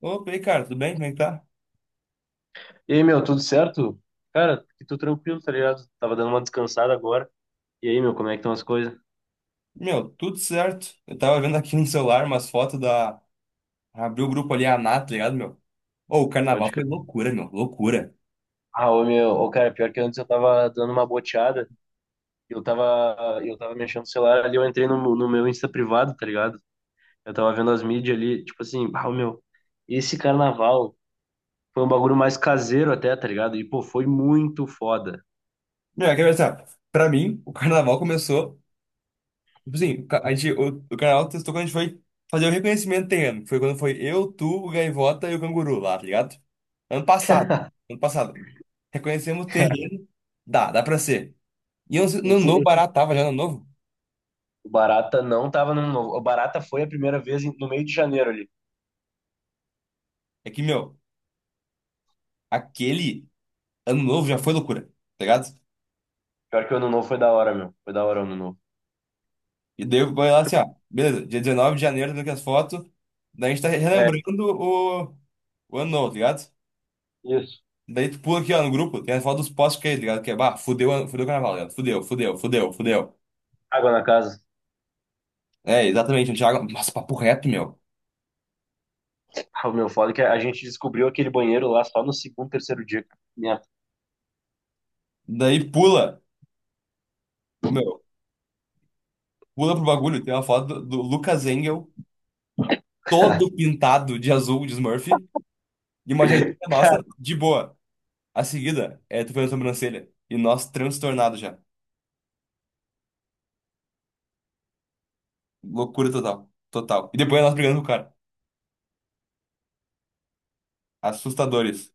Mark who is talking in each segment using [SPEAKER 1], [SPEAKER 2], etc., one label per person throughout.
[SPEAKER 1] Opa, e aí, cara, tudo bem? Como é que tá?
[SPEAKER 2] E aí, meu, tudo certo? Cara, que tô tranquilo, tá ligado? Tava dando uma descansada agora. E aí, meu, como é que estão as coisas?
[SPEAKER 1] Meu, tudo certo. Eu tava vendo aqui no celular umas fotos da. Abriu o grupo ali, a Nath, tá ligado, meu? Ô, o
[SPEAKER 2] Pode
[SPEAKER 1] carnaval foi
[SPEAKER 2] crer.
[SPEAKER 1] loucura.
[SPEAKER 2] Ah, ô, meu, ô, cara, pior que antes eu tava dando uma boteada. Eu tava mexendo no celular ali, eu entrei no meu Insta privado, tá ligado? Eu tava vendo as mídias ali, tipo assim, ah, ô, meu, esse carnaval foi um bagulho mais caseiro até, tá ligado? E, pô, foi muito foda.
[SPEAKER 1] Meu, quer ver. Pra mim, o carnaval começou. Tipo assim, a gente, o carnaval testou quando a gente foi fazer o reconhecimento terreno. Que Foi quando foi eu, tu, o Gaivota e o Canguru lá, tá ligado? Ano passado. Ano passado. Reconhecemos o terreno. Dá pra ser. E eu no
[SPEAKER 2] Esse,
[SPEAKER 1] novo
[SPEAKER 2] esse-
[SPEAKER 1] barato tava já no novo.
[SPEAKER 2] O Barata não tava no Ano Novo. O Barata foi a primeira vez no meio de janeiro ali.
[SPEAKER 1] É que, meu, aquele. Ano novo já foi loucura, tá ligado?
[SPEAKER 2] Pior que o Ano Novo foi da hora, meu. Foi da hora o Ano Novo.
[SPEAKER 1] E daí eu vou lá assim, ó,
[SPEAKER 2] Tipo,
[SPEAKER 1] beleza, dia 19 de janeiro, daqui as fotos, daí a gente tá
[SPEAKER 2] é,
[SPEAKER 1] relembrando o ano novo, tá ligado?
[SPEAKER 2] isso.
[SPEAKER 1] Daí tu pula aqui, ó, no grupo, tem as fotos dos postos que é, tá ligado? Que é, bah, fudeu, fudeu o carnaval, tá ligado? Fudeu, fudeu, fudeu, fudeu.
[SPEAKER 2] Água na casa.
[SPEAKER 1] É, exatamente, o Thiago, nossa, papo reto, meu.
[SPEAKER 2] O meu foda é que a gente descobriu aquele banheiro lá só no segundo, terceiro dia. Minha...
[SPEAKER 1] Daí pula, ô meu, pula pro bagulho, tem uma foto do Lucas Engel, todo pintado de azul, de Smurf, e uma jaqueta
[SPEAKER 2] Cara,
[SPEAKER 1] nossa, de boa. A seguida, é, tu fez a sobrancelha, e nós transtornados já. Loucura total. Total. E depois nós brigando com o cara. Assustadores.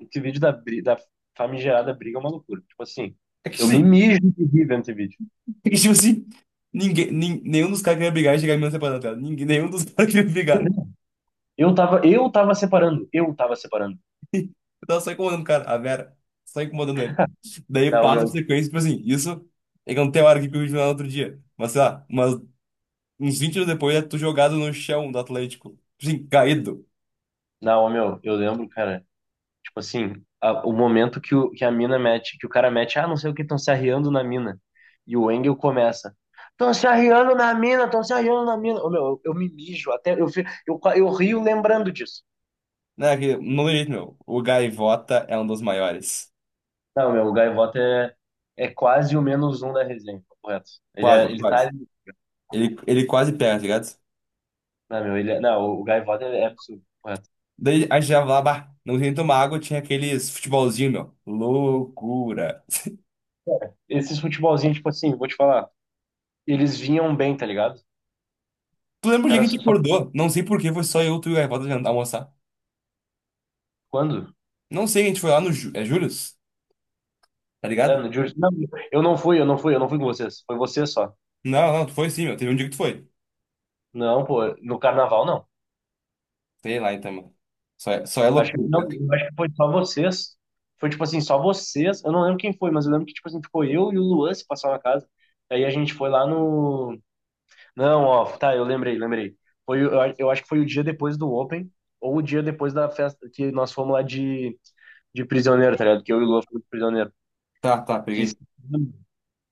[SPEAKER 2] esse vídeo da famigerada briga é uma loucura. Tipo assim,
[SPEAKER 1] É que,
[SPEAKER 2] eu
[SPEAKER 1] tipo
[SPEAKER 2] me
[SPEAKER 1] assim,
[SPEAKER 2] mijo de rir vendo esse vídeo.
[SPEAKER 1] é que, tipo assim, nenhum dos caras queria brigar e chegar em mim separando dela. Ninguém, nenhum dos caras queria brigar.
[SPEAKER 2] Eu tava separando, eu tava separando.
[SPEAKER 1] Eu tava só incomodando o cara, a Vera. Só incomodando ele. Daí
[SPEAKER 2] Não,
[SPEAKER 1] passa
[SPEAKER 2] meu,
[SPEAKER 1] por sequência, tipo assim, isso é que não tem hora que eu vi no outro dia. Mas sei lá, uns 20 anos depois é tu jogado no chão do Atlético. Tipo assim, caído.
[SPEAKER 2] não, meu, eu lembro, cara, tipo assim, o momento que a mina mete, que o cara mete, ah, não sei o que, estão se arriando na mina. E o Engel começa. Estão se arriando na mina, estão se arriando na mina. Ô, meu, eu me mijo, até eu, eu rio lembrando disso.
[SPEAKER 1] Né, que não tem jeito, meu. O Gaivota é um dos maiores.
[SPEAKER 2] Não, meu, o Gaivota é quase o menos um da resenha, correto? Ele,
[SPEAKER 1] Quase,
[SPEAKER 2] é, ele tá
[SPEAKER 1] quase.
[SPEAKER 2] ali.
[SPEAKER 1] Ele quase pega, tá ligado?
[SPEAKER 2] Não, meu, ele é, não, o Gaivota é absurdo, correto?
[SPEAKER 1] Daí a gente já lá, bah, não tinha nem tomar água, tinha aqueles futebolzinho, meu. Loucura.
[SPEAKER 2] Esses futebolzinhos, tipo assim, vou te falar, eles vinham bem, tá ligado?
[SPEAKER 1] Tu lembra o dia que
[SPEAKER 2] Cara,
[SPEAKER 1] a gente
[SPEAKER 2] só
[SPEAKER 1] acordou? Não sei por que foi só eu, tu e o Gaivota jantar, almoçar.
[SPEAKER 2] quando?
[SPEAKER 1] Não sei, a gente foi lá no Július, tá
[SPEAKER 2] É,
[SPEAKER 1] ligado?
[SPEAKER 2] no Júlio. Não, eu não fui, eu não fui, eu não fui com vocês. Foi vocês só.
[SPEAKER 1] Não, não, tu foi sim, meu. Teve um dia que tu foi.
[SPEAKER 2] Não, pô, no carnaval não.
[SPEAKER 1] Sei lá, então, mano. Só é
[SPEAKER 2] Acho que
[SPEAKER 1] loucura,
[SPEAKER 2] não,
[SPEAKER 1] né?
[SPEAKER 2] eu acho que foi só vocês. Foi tipo assim, só vocês. Eu não lembro quem foi, mas eu lembro que, tipo assim, ficou eu e o Luan se passar na casa. Aí a gente foi lá no. Não, ó, tá, eu lembrei, lembrei. Foi, o- eu, a- eu acho que foi o dia depois do Open, ou o dia depois da festa que nós fomos lá de, prisioneiro, tá ligado? Que eu e o Lua fomos de prisioneiro.
[SPEAKER 1] Tá, tá,
[SPEAKER 2] Que
[SPEAKER 1] peguei.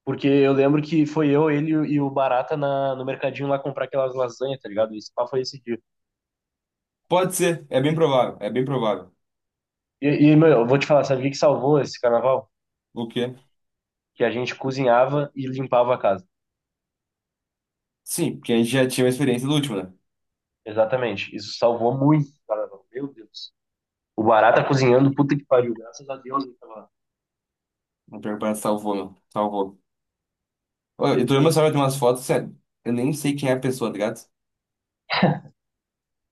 [SPEAKER 2] porque eu lembro que foi eu, ele e o Barata no mercadinho lá comprar aquelas lasanhas, tá ligado? Esse pá foi esse dia.
[SPEAKER 1] Pode ser, é bem provável, é bem provável.
[SPEAKER 2] E, meu, eu vou te falar, sabe o que que salvou esse carnaval?
[SPEAKER 1] O quê?
[SPEAKER 2] Que a gente cozinhava e limpava a casa.
[SPEAKER 1] Sim, porque a gente já tinha uma experiência do último, né?
[SPEAKER 2] Exatamente. Isso salvou muito o carnaval. Meu Deus. O Barata cozinhando, puta que pariu. Graças a Deus, ele tava.
[SPEAKER 1] O pior que parece salvou, meu. Salvou. Ô, eu tô vendo meu celular, tem umas fotos, sério. Eu nem sei quem é a pessoa, tá ligado?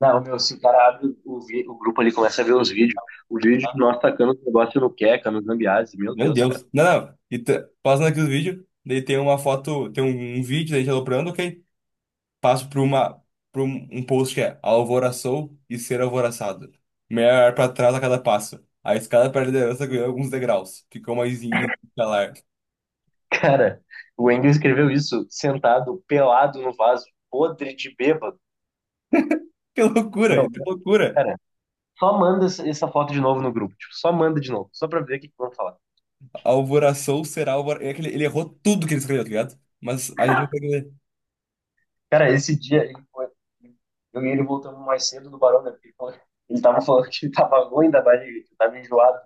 [SPEAKER 2] Não, meu, se o cara abre o grupo ali, começa a ver os vídeos. O vídeo de nós tacando o negócio no Queca, no Zambiase, meu
[SPEAKER 1] Meu
[SPEAKER 2] Deus, cara.
[SPEAKER 1] Deus. Não, não. E passando aqui os vídeos, daí tem uma foto, tem um vídeo da gente aloprando, ok? Passo para uma, para um post que é alvoraçou e ser alvoraçado. Melhor para trás a cada passo. A escada para a liderança ganhou alguns degraus. Ficou mais íngreme e escalar.
[SPEAKER 2] Cara, o Engel escreveu isso sentado, pelado no vaso, podre de bêbado.
[SPEAKER 1] Que loucura,
[SPEAKER 2] Meu,
[SPEAKER 1] isso é loucura.
[SPEAKER 2] cara, só manda essa foto de novo no grupo. Tipo, só manda de novo, só pra ver o que que vão falar.
[SPEAKER 1] Alvoraçou, será alvor... É que ele errou tudo que ele escreveu, tá ligado? Mas a gente não consegue ler.
[SPEAKER 2] Cara, esse dia ele foi, eu e ele voltamos mais cedo do Barão, né? Porque ele tava falando que tava ruim da barriga, que tava enjoado.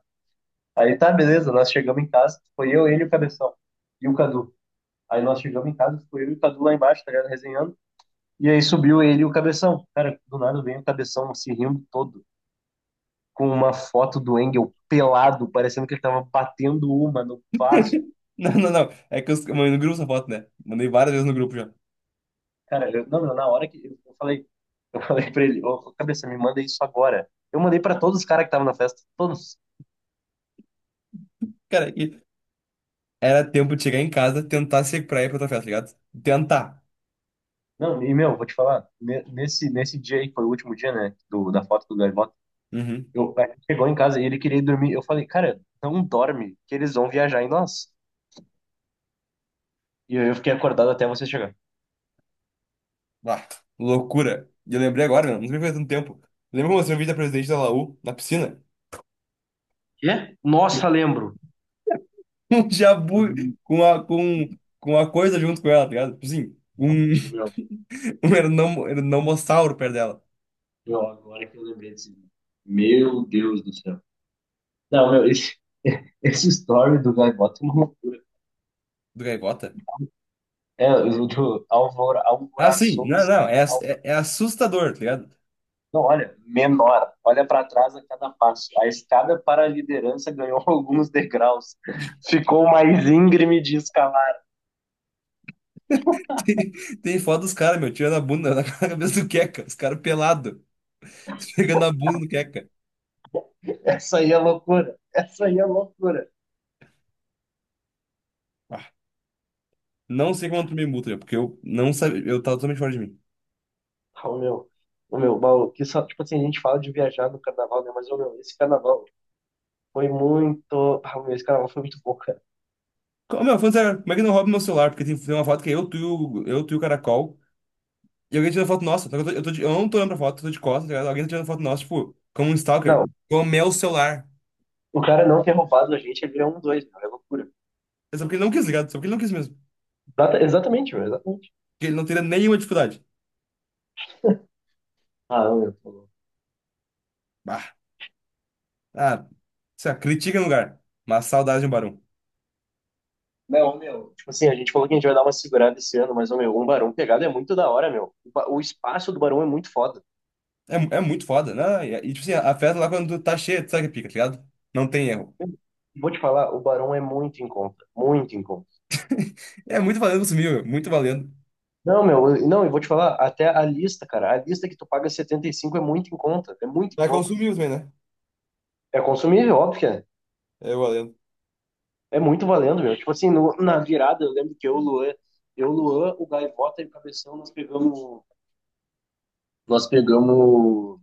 [SPEAKER 2] Aí tá, beleza, nós chegamos em casa, foi eu, ele e o Cabeção. E o Cadu. Aí nós chegamos em casa, ficou eu e o Cadu lá embaixo, tá ligado? Resenhando. E aí subiu ele e o Cabeção. Cara, do nada vem o Cabeção se rindo todo, com uma foto do Engel pelado, parecendo que ele tava batendo uma no vaso.
[SPEAKER 1] Não, não, não. É que eu mandei no grupo essa foto, né? Mandei várias vezes no grupo já.
[SPEAKER 2] Cara, não, não, na hora que eu falei, pra ele, ô, cabeça, me manda isso agora. Eu mandei pra todos os caras que estavam na festa, todos.
[SPEAKER 1] Cara, era tempo de chegar em casa, tentar se recuperar e ir pra tua festa, tá ligado? Tentar.
[SPEAKER 2] Não, e meu, vou te falar, nesse dia aí, que foi o último dia, né, da foto do Gaivota,
[SPEAKER 1] Uhum.
[SPEAKER 2] a gente chegou em casa e ele queria ir dormir. Eu falei, cara, não dorme, que eles vão viajar em nós. E aí eu fiquei acordado até você chegar.
[SPEAKER 1] Ah, loucura. E eu lembrei agora, meu, não sei faz tanto tempo. Lembra quando eu mostrei o vídeo da presidente da Laú, na piscina?
[SPEAKER 2] Quê? Nossa, lembro.
[SPEAKER 1] Um jabu
[SPEAKER 2] Hum.
[SPEAKER 1] com a, com, com a coisa junto com ela, tá ligado? Tipo assim, um,
[SPEAKER 2] Meu,
[SPEAKER 1] um ernomossauro perto dela.
[SPEAKER 2] meu, agora que eu lembrei desse vídeo. Meu Deus do céu. Não, meu, esse, esse story do Gaivota é uma loucura.
[SPEAKER 1] Do Gaivota?
[SPEAKER 2] É, o do Alvor,
[SPEAKER 1] Ah, sim.
[SPEAKER 2] Alvoraçou
[SPEAKER 1] Não, não. É, é, é assustador, tá ligado?
[SPEAKER 2] Não, olha, menor. Olha para trás a cada passo. A escada para a liderança ganhou alguns degraus. Ficou mais íngreme de escalar.
[SPEAKER 1] Tem, tem foto dos caras, meu, tirando a bunda na cabeça do Queca. Os caras pelados, pegando a bunda do Queca.
[SPEAKER 2] Essa aí é loucura. Essa aí é loucura.
[SPEAKER 1] Não sei como tu me multa, porque eu não sabia. Eu tava totalmente fora de mim.
[SPEAKER 2] Ô, meu, ô, meu, Paulo, que só, tipo assim, a gente fala de viajar no carnaval, né? Mas, ô, meu, esse carnaval foi muito. Ah, meu, esse carnaval foi muito bom, cara.
[SPEAKER 1] Meu, falando sério, como é que não rouba meu celular? Porque tem, tem uma foto que é eu, tu, eu, tu e o caracol. E alguém tá tirando foto nossa. Só que eu, eu não tô olhando pra foto, eu tô de costas, tá ligado? Alguém tá tirando foto nossa, tipo, como um stalker.
[SPEAKER 2] Não,
[SPEAKER 1] Com o meu celular.
[SPEAKER 2] o cara não ter roubado a gente, ele é um dois, meu, é loucura.
[SPEAKER 1] É só porque ele não quis, tá ligado? É só porque ele não quis mesmo.
[SPEAKER 2] Exatamente, meu, exatamente.
[SPEAKER 1] Porque ele não teria nenhuma dificuldade.
[SPEAKER 2] Ah, ô, meu, tá louco.
[SPEAKER 1] Bah. Ah, sei lá, critica no lugar. Mas saudade de um barão.
[SPEAKER 2] Não, ô, meu. Tipo assim, a gente falou que a gente vai dar uma segurada esse ano, mas, ô, meu, um barão pegado é muito da hora, meu. O espaço do barão é muito foda.
[SPEAKER 1] É, é muito foda, né? Tipo assim, a festa lá quando tá cheia, tu sabe que pica, tá ligado? Não tem erro.
[SPEAKER 2] Vou te falar, o Barão é muito em conta, muito em conta.
[SPEAKER 1] É muito valendo consumir, meu. Muito valendo.
[SPEAKER 2] Não, meu, não, eu vou te falar, até a lista, cara, a lista que tu paga 75 é muito em conta, é muito em
[SPEAKER 1] Vai
[SPEAKER 2] conta.
[SPEAKER 1] consumir também, né?
[SPEAKER 2] É consumível, óbvio que é.
[SPEAKER 1] É valendo.
[SPEAKER 2] É muito valendo, meu. Tipo assim, na virada, eu lembro que eu, o Luan, o Gaivota e o Cabeção, nós pegamos. Nós pegamos.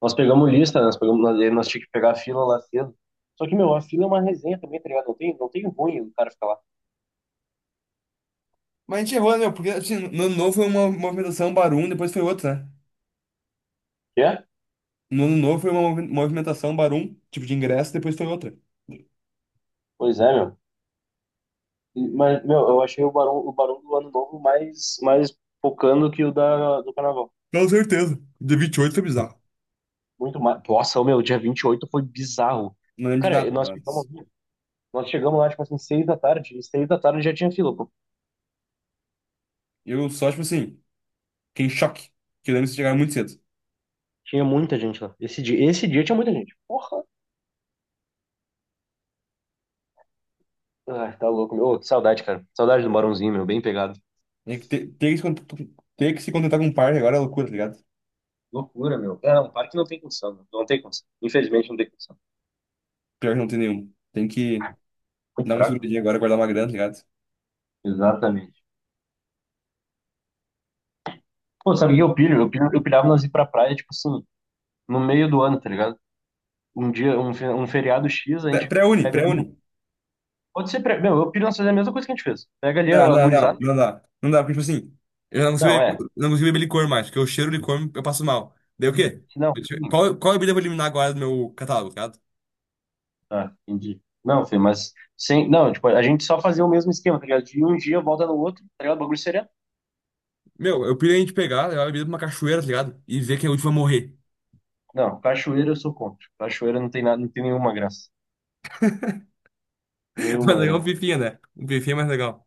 [SPEAKER 2] Nós pegamos lista, né? Nós pegamos, nós tínhamos que pegar a fila lá cedo. Só que, meu, a fila é uma resenha também, tá ligado? Não tem ruim o cara ficar lá.
[SPEAKER 1] Mas a gente errou, né, meu? Porque assim, no ano novo foi uma movimentação Barum, depois foi outra, né?
[SPEAKER 2] Quer?
[SPEAKER 1] No ano novo foi uma movimentação Barum, tipo de ingresso, depois foi outra.
[SPEAKER 2] Pois é, meu. Mas, meu, eu achei o Barão, do Ano Novo mais focando que do Carnaval.
[SPEAKER 1] Com certeza. Dia 28 foi bizarro.
[SPEAKER 2] Muito mais. Nossa, meu, dia 28 foi bizarro.
[SPEAKER 1] Não lembro de
[SPEAKER 2] Cara,
[SPEAKER 1] nada,
[SPEAKER 2] nós ficamos.
[SPEAKER 1] mas.
[SPEAKER 2] Nós chegamos lá, tipo assim, 6 da tarde, e 6 da tarde já tinha fila, pô.
[SPEAKER 1] Eu só, tipo assim, fiquei em choque. Que eu lembro que vocês chegaram muito cedo.
[SPEAKER 2] Tinha muita gente lá. Esse dia tinha muita gente. Porra! Ai, tá louco, meu. Ô, que saudade, cara. Saudade do Barãozinho, meu, bem pegado.
[SPEAKER 1] Tem que ter que se, ter que se contentar com um par agora é loucura, tá ligado?
[SPEAKER 2] Loucura, meu. É, não, parque não tem condição, meu. Não tem condição. Infelizmente não tem condição.
[SPEAKER 1] Pior que não tem nenhum. Tem que
[SPEAKER 2] Muito
[SPEAKER 1] dar uma
[SPEAKER 2] fraco,
[SPEAKER 1] seguradinha agora, guardar uma grana, tá ligado?
[SPEAKER 2] meu. Exatamente. Pô, sabe o que eu pilho? Eu pilhava nós ir pra praia, tipo assim, no meio do ano, tá ligado? Um dia, um feriado X, a gente
[SPEAKER 1] Pré-uni,
[SPEAKER 2] pega ali, né?
[SPEAKER 1] pré-uni.
[SPEAKER 2] Pode ser, meu, eu pilho nós fazer a mesma coisa que a gente fez. Pega ali
[SPEAKER 1] Não,
[SPEAKER 2] a
[SPEAKER 1] não, não,
[SPEAKER 2] gurizada.
[SPEAKER 1] não dá. Não dá, porque, tipo assim, eu não consigo
[SPEAKER 2] Não,
[SPEAKER 1] beber,
[SPEAKER 2] é.
[SPEAKER 1] eu não consigo beber licor mais, porque eu cheiro licor, eu passo mal. Daí o quê?
[SPEAKER 2] Não.
[SPEAKER 1] Qual, qual bebida eu vou eliminar agora do meu catálogo, tá ligado?
[SPEAKER 2] Ah, entendi. Não, filho, mas sem, não, tipo, a gente só fazia o mesmo esquema, tá ligado? De um dia volta no outro, tá ligado? O bagulho seria.
[SPEAKER 1] Meu, eu pirei a gente pegar, levar a bebida pra uma cachoeira, tá ligado? E ver quem é o último a morrer.
[SPEAKER 2] Não, cachoeira eu sou contra. Cachoeira não tem nada, não tem nenhuma graça.
[SPEAKER 1] Mas
[SPEAKER 2] Nenhuma
[SPEAKER 1] legal é um
[SPEAKER 2] graça.
[SPEAKER 1] pifinha, né? Um pifinha é mais legal.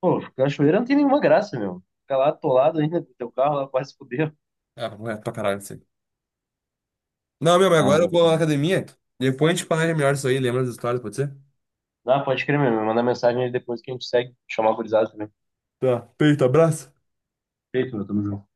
[SPEAKER 2] Pô, cachoeira não tem nenhuma graça, meu. Ficar lá atolado ainda com teu carro, lá quase fudeu.
[SPEAKER 1] Ah, é pra caralho isso aí. Não, meu, mas
[SPEAKER 2] Ah,
[SPEAKER 1] agora eu
[SPEAKER 2] meu.
[SPEAKER 1] vou na academia. Depois a gente planeja melhor isso aí, lembra das histórias, pode ser?
[SPEAKER 2] Ah, pode crer mesmo. Manda mensagem aí depois que a gente segue. Chamar o gurizada também.
[SPEAKER 1] Tá, feito, abraço.
[SPEAKER 2] Feito, meu. Tamo junto.